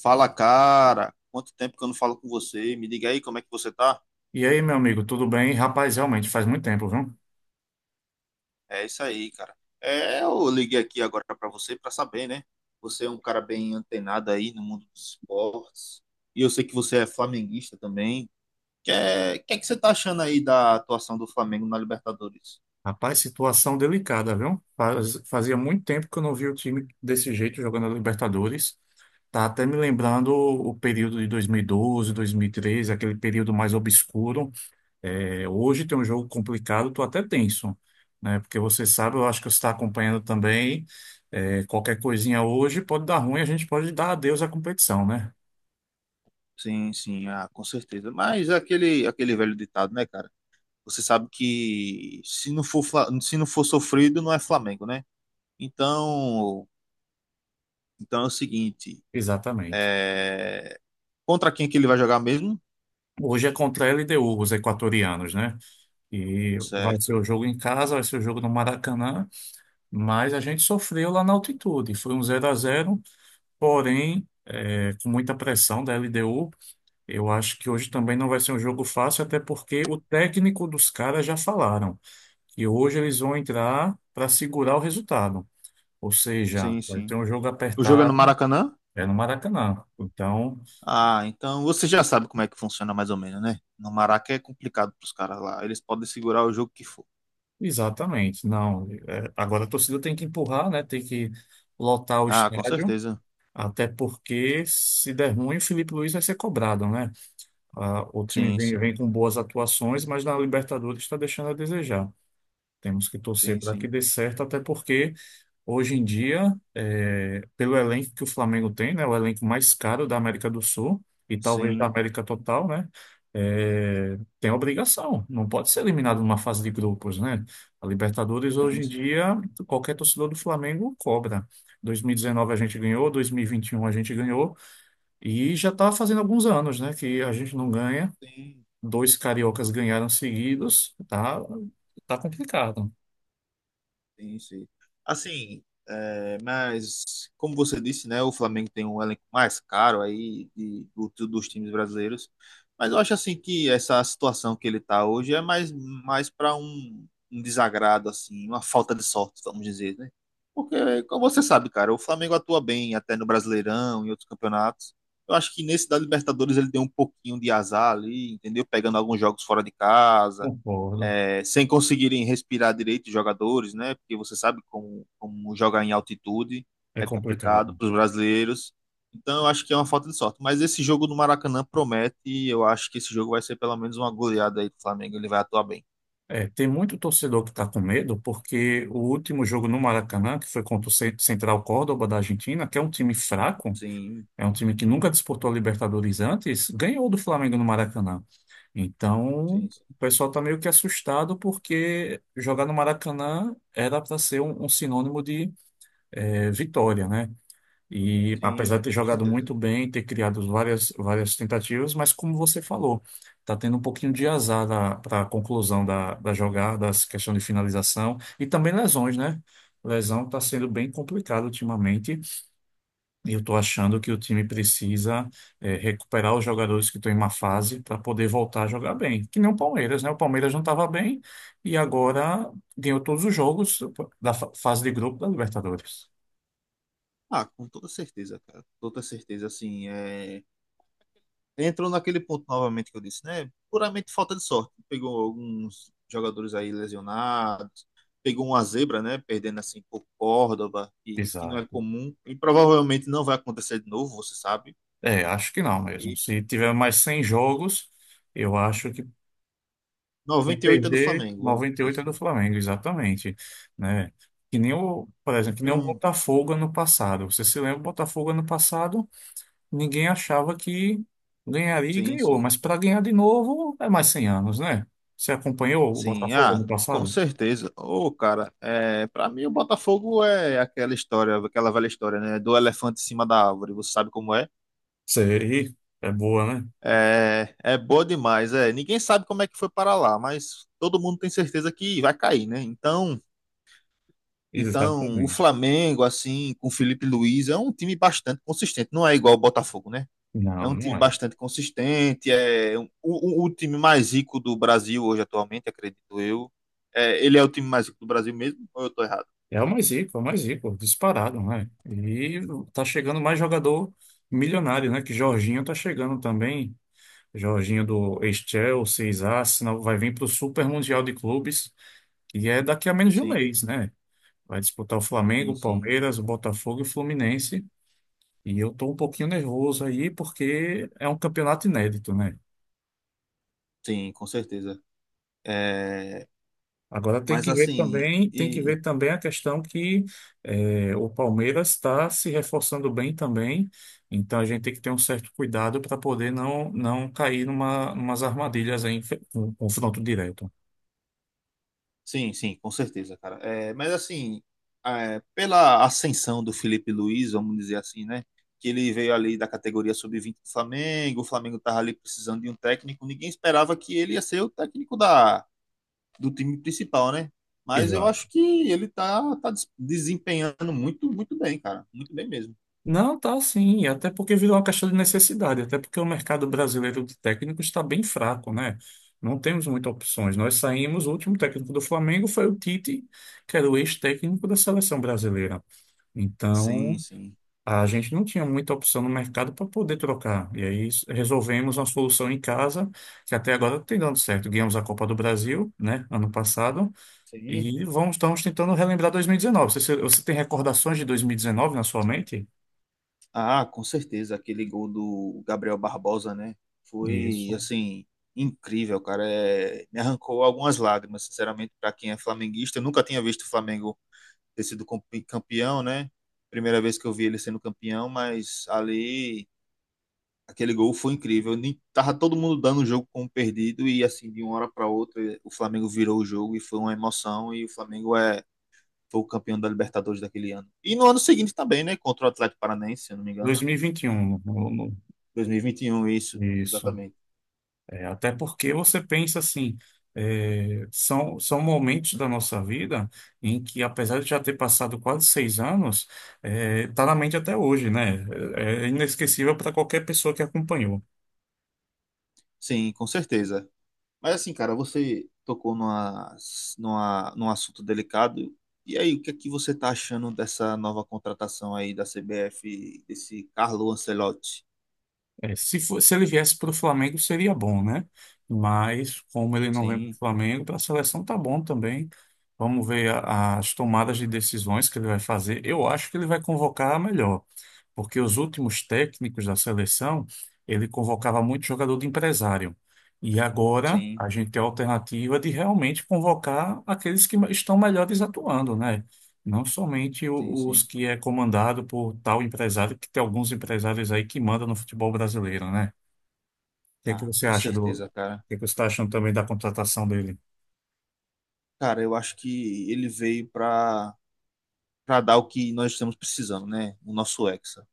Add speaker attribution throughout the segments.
Speaker 1: Fala, cara. Quanto tempo que eu não falo com você? Me diga aí como é que você tá?
Speaker 2: E aí, meu amigo, tudo bem? Rapaz, realmente faz muito tempo, viu?
Speaker 1: É isso aí, cara. Eu liguei aqui agora pra você pra saber, né? Você é um cara bem antenado aí no mundo dos esportes. E eu sei que você é flamenguista também. Que é, que é que você tá achando aí da atuação do Flamengo na Libertadores?
Speaker 2: Rapaz, situação delicada, viu? Fazia muito tempo que eu não vi o time desse jeito jogando a Libertadores. Tá até me lembrando o período de 2012, 2013, aquele período mais obscuro. Hoje tem um jogo complicado, tô até tenso, né? Porque você sabe, eu acho que você está acompanhando também. Qualquer coisinha hoje pode dar ruim, a gente pode dar adeus à competição, né?
Speaker 1: Sim, sim, com certeza. Mas é aquele velho ditado, né, cara? Você sabe que se não for sofrido, não é Flamengo, né? Então, então é o seguinte.
Speaker 2: Exatamente.
Speaker 1: É, Contra quem que ele vai jogar mesmo?
Speaker 2: Hoje é contra a LDU, os equatorianos, né? E vai ser
Speaker 1: Certo.
Speaker 2: o jogo em casa, vai ser o jogo no Maracanã, mas a gente sofreu lá na altitude. Foi um zero a zero, porém, com muita pressão da LDU. Eu acho que hoje também não vai ser um jogo fácil, até porque o técnico dos caras já falaram que hoje eles vão entrar para segurar o resultado. Ou seja,
Speaker 1: Sim,
Speaker 2: vai ter
Speaker 1: sim.
Speaker 2: um jogo
Speaker 1: O jogo é no
Speaker 2: apertado,
Speaker 1: Maracanã?
Speaker 2: é no Maracanã. Então,
Speaker 1: Ah, então você já sabe como é que funciona mais ou menos, né? No Maraca é complicado pros caras lá. Eles podem segurar o jogo que for.
Speaker 2: exatamente, não. Agora a torcida tem que empurrar, né? Tem que lotar o
Speaker 1: Ah, com
Speaker 2: estádio.
Speaker 1: certeza.
Speaker 2: Até porque, se der ruim, o Felipe Luiz vai ser cobrado, né? Ah, o time
Speaker 1: Sim,
Speaker 2: vem
Speaker 1: sim.
Speaker 2: com boas atuações, mas na Libertadores está deixando a desejar. Temos que torcer
Speaker 1: Sim,
Speaker 2: para que
Speaker 1: sim.
Speaker 2: dê certo, até porque hoje em dia, pelo elenco que o Flamengo tem, né, o elenco mais caro da América do Sul e talvez da
Speaker 1: Sim,
Speaker 2: América total, né, tem obrigação, não pode ser eliminado numa fase de grupos, né? A Libertadores hoje
Speaker 1: sim,
Speaker 2: em
Speaker 1: sim.
Speaker 2: dia, qualquer torcedor do Flamengo cobra. 2019 a gente ganhou, 2021 a gente ganhou e já está fazendo alguns anos, né, que a gente não ganha.
Speaker 1: Sim,
Speaker 2: Dois cariocas ganharam seguidos, tá, tá complicado.
Speaker 1: sim, sim. Assim, é, mas, como você disse, né, o Flamengo tem um elenco mais caro aí dos times brasileiros. Mas eu acho assim que essa situação que ele está hoje é mais para um desagrado, assim, uma falta de sorte, vamos dizer, né? Porque, como você sabe, cara, o Flamengo atua bem até no Brasileirão e outros campeonatos. Eu acho que nesse da Libertadores ele deu um pouquinho de azar ali, entendeu? Pegando alguns jogos fora de casa,
Speaker 2: Concordo.
Speaker 1: é, sem conseguirem respirar direito os jogadores, né? Porque você sabe como jogar em altitude
Speaker 2: É
Speaker 1: é
Speaker 2: complicado.
Speaker 1: complicado para os brasileiros. Então eu acho que é uma falta de sorte. Mas esse jogo no Maracanã promete e eu acho que esse jogo vai ser pelo menos uma goleada aí do Flamengo. Ele vai atuar bem.
Speaker 2: É, tem muito torcedor que está com medo, porque o último jogo no Maracanã, que foi contra o Central Córdoba da Argentina, que é um time fraco,
Speaker 1: Sim,
Speaker 2: é um time que nunca disputou a Libertadores antes, ganhou do Flamengo no Maracanã. Então,
Speaker 1: sim, sim,
Speaker 2: o pessoal está meio que assustado, porque jogar no Maracanã era para ser um sinônimo de vitória, né? E
Speaker 1: sim,
Speaker 2: apesar de ter
Speaker 1: com
Speaker 2: jogado
Speaker 1: certeza.
Speaker 2: muito bem, ter criado várias tentativas, mas como você falou, está tendo um pouquinho de azar para a conclusão da jogada, as questão de finalização e também lesões, né? Lesão está sendo bem complicado ultimamente e eu estou achando que o time precisa recuperar os jogadores que estão em má fase para poder voltar a jogar bem. Que nem o Palmeiras, né? O Palmeiras não estava bem e agora ganhou todos os jogos da fase de grupo da Libertadores.
Speaker 1: Ah, com toda certeza, cara. Toda certeza, assim, é... Entrou naquele ponto novamente que eu disse, né? Puramente falta de sorte. Pegou alguns jogadores aí lesionados, pegou uma zebra, né? Perdendo assim por Córdoba, que não é
Speaker 2: Exato.
Speaker 1: comum e provavelmente não vai acontecer de novo, você sabe.
Speaker 2: É, acho que não mesmo.
Speaker 1: E
Speaker 2: Se tiver mais 100 jogos, eu acho que para
Speaker 1: 98 é do
Speaker 2: perder
Speaker 1: Flamengo, vamos dizer
Speaker 2: 98 é do
Speaker 1: assim.
Speaker 2: Flamengo, exatamente, né? Que nem o
Speaker 1: Então,
Speaker 2: Botafogo ano passado. Você se lembra, o Botafogo ano passado, ninguém achava que ganharia e
Speaker 1: sim,
Speaker 2: ganhou,
Speaker 1: sim.
Speaker 2: mas para ganhar de novo é mais 100 anos, né? Você acompanhou o
Speaker 1: Sim,
Speaker 2: Botafogo ano
Speaker 1: com
Speaker 2: passado?
Speaker 1: certeza. Ô, cara, é, para mim o Botafogo é aquela história, aquela velha história, né? Do elefante em cima da árvore, você sabe como é?
Speaker 2: Sei, é boa, né?
Speaker 1: É, é boa demais, é. Ninguém sabe como é que foi para lá, mas todo mundo tem certeza que vai cair, né? Então o
Speaker 2: Exatamente.
Speaker 1: Flamengo, assim, com Felipe Luiz, é um time bastante consistente. Não é igual o Botafogo, né? É
Speaker 2: Não,
Speaker 1: um time
Speaker 2: não é.
Speaker 1: bastante consistente, é o time mais rico do Brasil hoje atualmente, acredito eu. É, ele é o time mais rico do Brasil mesmo, ou eu tô errado?
Speaker 2: É o mais rico, é o mais rico, disparado, né? E tá chegando mais jogador milionário, né? Que Jorginho tá chegando também. Jorginho do ex-Chelsea, ex-Arsenal, vai vir para o Super Mundial de Clubes, que é daqui a menos de um
Speaker 1: Sim,
Speaker 2: mês, né? Vai disputar o Flamengo,
Speaker 1: sim,
Speaker 2: o
Speaker 1: sim,
Speaker 2: Palmeiras, o Botafogo e o Fluminense. E eu tô um pouquinho nervoso aí, porque é um campeonato inédito, né?
Speaker 1: sim, com certeza. É,
Speaker 2: Agora tem
Speaker 1: mas
Speaker 2: que ver
Speaker 1: assim,
Speaker 2: também, tem que
Speaker 1: e
Speaker 2: ver também a questão que o Palmeiras está se reforçando bem também, então a gente tem que ter um certo cuidado para poder não cair numas armadilhas aí, em com confronto direto.
Speaker 1: Sim, sim, com certeza, cara. É, mas assim, é, pela ascensão do Felipe Luiz, vamos dizer assim, né? Que ele veio ali da categoria sub-20 do Flamengo, o Flamengo estava ali precisando de um técnico, ninguém esperava que ele ia ser o técnico do time principal, né? Mas eu
Speaker 2: Exato.
Speaker 1: acho que ele desempenhando muito bem, cara. Muito bem mesmo.
Speaker 2: Não, tá sim, até porque virou uma questão de necessidade, até porque o mercado brasileiro de técnicos está bem fraco, né? Não temos muitas opções. Nós saímos, o último técnico do Flamengo foi o Tite, que era o ex-técnico da seleção brasileira. Então,
Speaker 1: Sim, sim.
Speaker 2: a gente não tinha muita opção no mercado para poder trocar. E aí resolvemos uma solução em casa, que até agora tem dando certo. Ganhamos a Copa do Brasil, né, ano passado,
Speaker 1: Sim,
Speaker 2: e estamos tentando relembrar 2019. Você tem recordações de 2019 na sua mente?
Speaker 1: ah, com certeza, aquele gol do Gabriel Barbosa, né? Foi,
Speaker 2: Isso.
Speaker 1: assim, incrível, cara. É, me arrancou algumas lágrimas, sinceramente, para quem é flamenguista. Eu nunca tinha visto o Flamengo ter sido com- campeão, né? Primeira vez que eu vi ele sendo campeão, mas ali, aquele gol foi incrível. Nem, tava todo mundo dando o jogo como perdido e, assim, de uma hora para outra, o Flamengo virou o jogo e foi uma emoção. E o Flamengo foi o campeão da Libertadores daquele ano. E no ano seguinte também, né? Contra o Atlético Paranaense, se eu não me engano.
Speaker 2: 2021.
Speaker 1: 2021, isso,
Speaker 2: Isso.
Speaker 1: exatamente.
Speaker 2: Até porque você pensa assim, são momentos da nossa vida em que, apesar de já ter passado quase 6 anos, tá na mente até hoje, né? É inesquecível para qualquer pessoa que acompanhou.
Speaker 1: Sim, com certeza. Mas assim, cara, você tocou num assunto delicado. E aí, o que é que você tá achando dessa nova contratação aí da CBF, desse Carlo Ancelotti?
Speaker 2: É, se ele viesse para o Flamengo, seria bom, né? Mas como ele não vem para
Speaker 1: Sim,
Speaker 2: o Flamengo, para a seleção tá bom também. As tomadas de decisões que ele vai fazer. Eu acho que ele vai convocar a melhor, porque os últimos técnicos da seleção, ele convocava muito jogador de empresário. E agora
Speaker 1: sim,
Speaker 2: a gente tem a alternativa de realmente convocar aqueles que estão melhores atuando, né? Não somente
Speaker 1: sim,
Speaker 2: o- os
Speaker 1: sim.
Speaker 2: que é comandado por tal empresário, que tem alguns empresários aí que mandam no futebol brasileiro, né?
Speaker 1: Ah, com
Speaker 2: O
Speaker 1: certeza, cara.
Speaker 2: que é que você está achando também da contratação dele?
Speaker 1: Cara, eu acho que ele veio para dar o que nós estamos precisando, né? O nosso Hexa.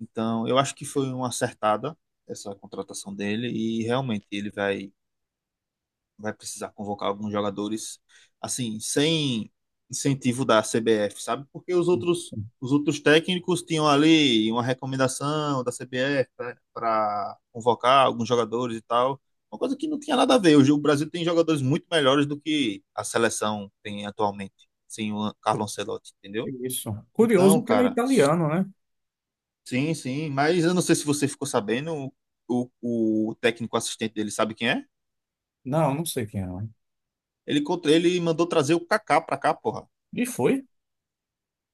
Speaker 1: Então, eu acho que foi uma acertada essa contratação dele e realmente ele vai precisar convocar alguns jogadores, assim, sem incentivo da CBF, sabe? Os outros técnicos tinham ali uma recomendação da CBF para convocar alguns jogadores e tal. Uma coisa que não tinha nada a ver. Hoje o Brasil tem jogadores muito melhores do que a seleção tem atualmente, sem o Carlo Ancelotti, entendeu?
Speaker 2: Isso.
Speaker 1: Então,
Speaker 2: Curioso que ele é
Speaker 1: cara,
Speaker 2: italiano, né?
Speaker 1: sim, sim, mas eu não sei se você ficou sabendo, o, o técnico assistente dele sabe quem é?
Speaker 2: Não, não sei quem é, né?
Speaker 1: Ele mandou trazer o Kaká pra cá, porra.
Speaker 2: E foi?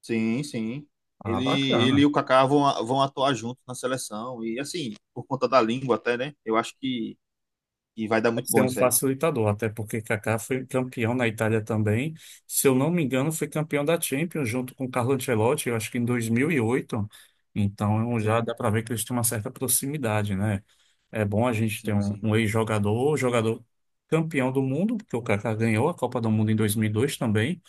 Speaker 1: Sim, sim.
Speaker 2: Ah,
Speaker 1: Ele
Speaker 2: bacana.
Speaker 1: e o Kaká vão atuar juntos na seleção. E assim, por conta da língua até, né? Eu acho que vai dar
Speaker 2: Vai
Speaker 1: muito
Speaker 2: ser
Speaker 1: bom
Speaker 2: um
Speaker 1: isso aí.
Speaker 2: facilitador, até porque Kaká foi campeão na Itália também. Se eu não me engano, foi campeão da Champions junto com Carlo Ancelotti, eu acho que em 2008. Então já dá
Speaker 1: Sim,
Speaker 2: para ver que eles têm uma certa proximidade, né? É bom a gente ter
Speaker 1: sim, sim.
Speaker 2: um ex-jogador, jogador campeão do mundo, porque o Kaká ganhou a Copa do Mundo em 2002 também.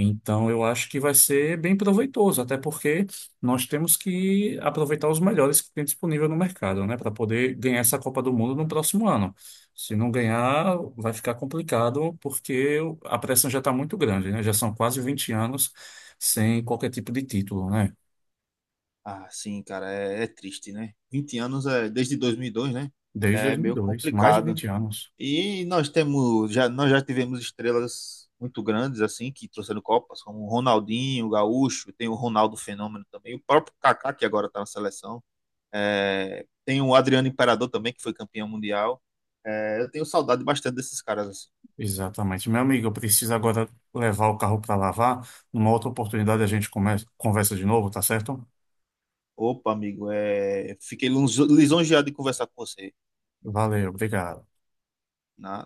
Speaker 2: Então, eu acho que vai ser bem proveitoso, até porque nós temos que aproveitar os melhores que tem disponível no mercado, né, para poder ganhar essa Copa do Mundo no próximo ano. Se não ganhar, vai ficar complicado, porque a pressão já está muito grande, né? Já são quase 20 anos sem qualquer tipo de título, né?
Speaker 1: Ah, sim, cara, é, é triste, né? 20 anos é desde 2002, né?
Speaker 2: Desde
Speaker 1: É
Speaker 2: dois mil e
Speaker 1: meio
Speaker 2: dois, mais de
Speaker 1: complicado.
Speaker 2: 20 anos.
Speaker 1: E nós temos, já, nós já tivemos estrelas muito grandes, assim, que trouxeram Copas, como o Ronaldinho, o Gaúcho, tem o Ronaldo Fenômeno também, o próprio Kaká, que agora tá na seleção. É, tem o Adriano Imperador também, que foi campeão mundial. É, eu tenho saudade bastante desses caras. Assim.
Speaker 2: Exatamente. Meu amigo, eu preciso agora levar o carro para lavar. Numa outra oportunidade a gente conversa de novo, tá certo?
Speaker 1: Opa, amigo, é, fiquei lisonjeado de conversar com você.
Speaker 2: Valeu, obrigado.
Speaker 1: Na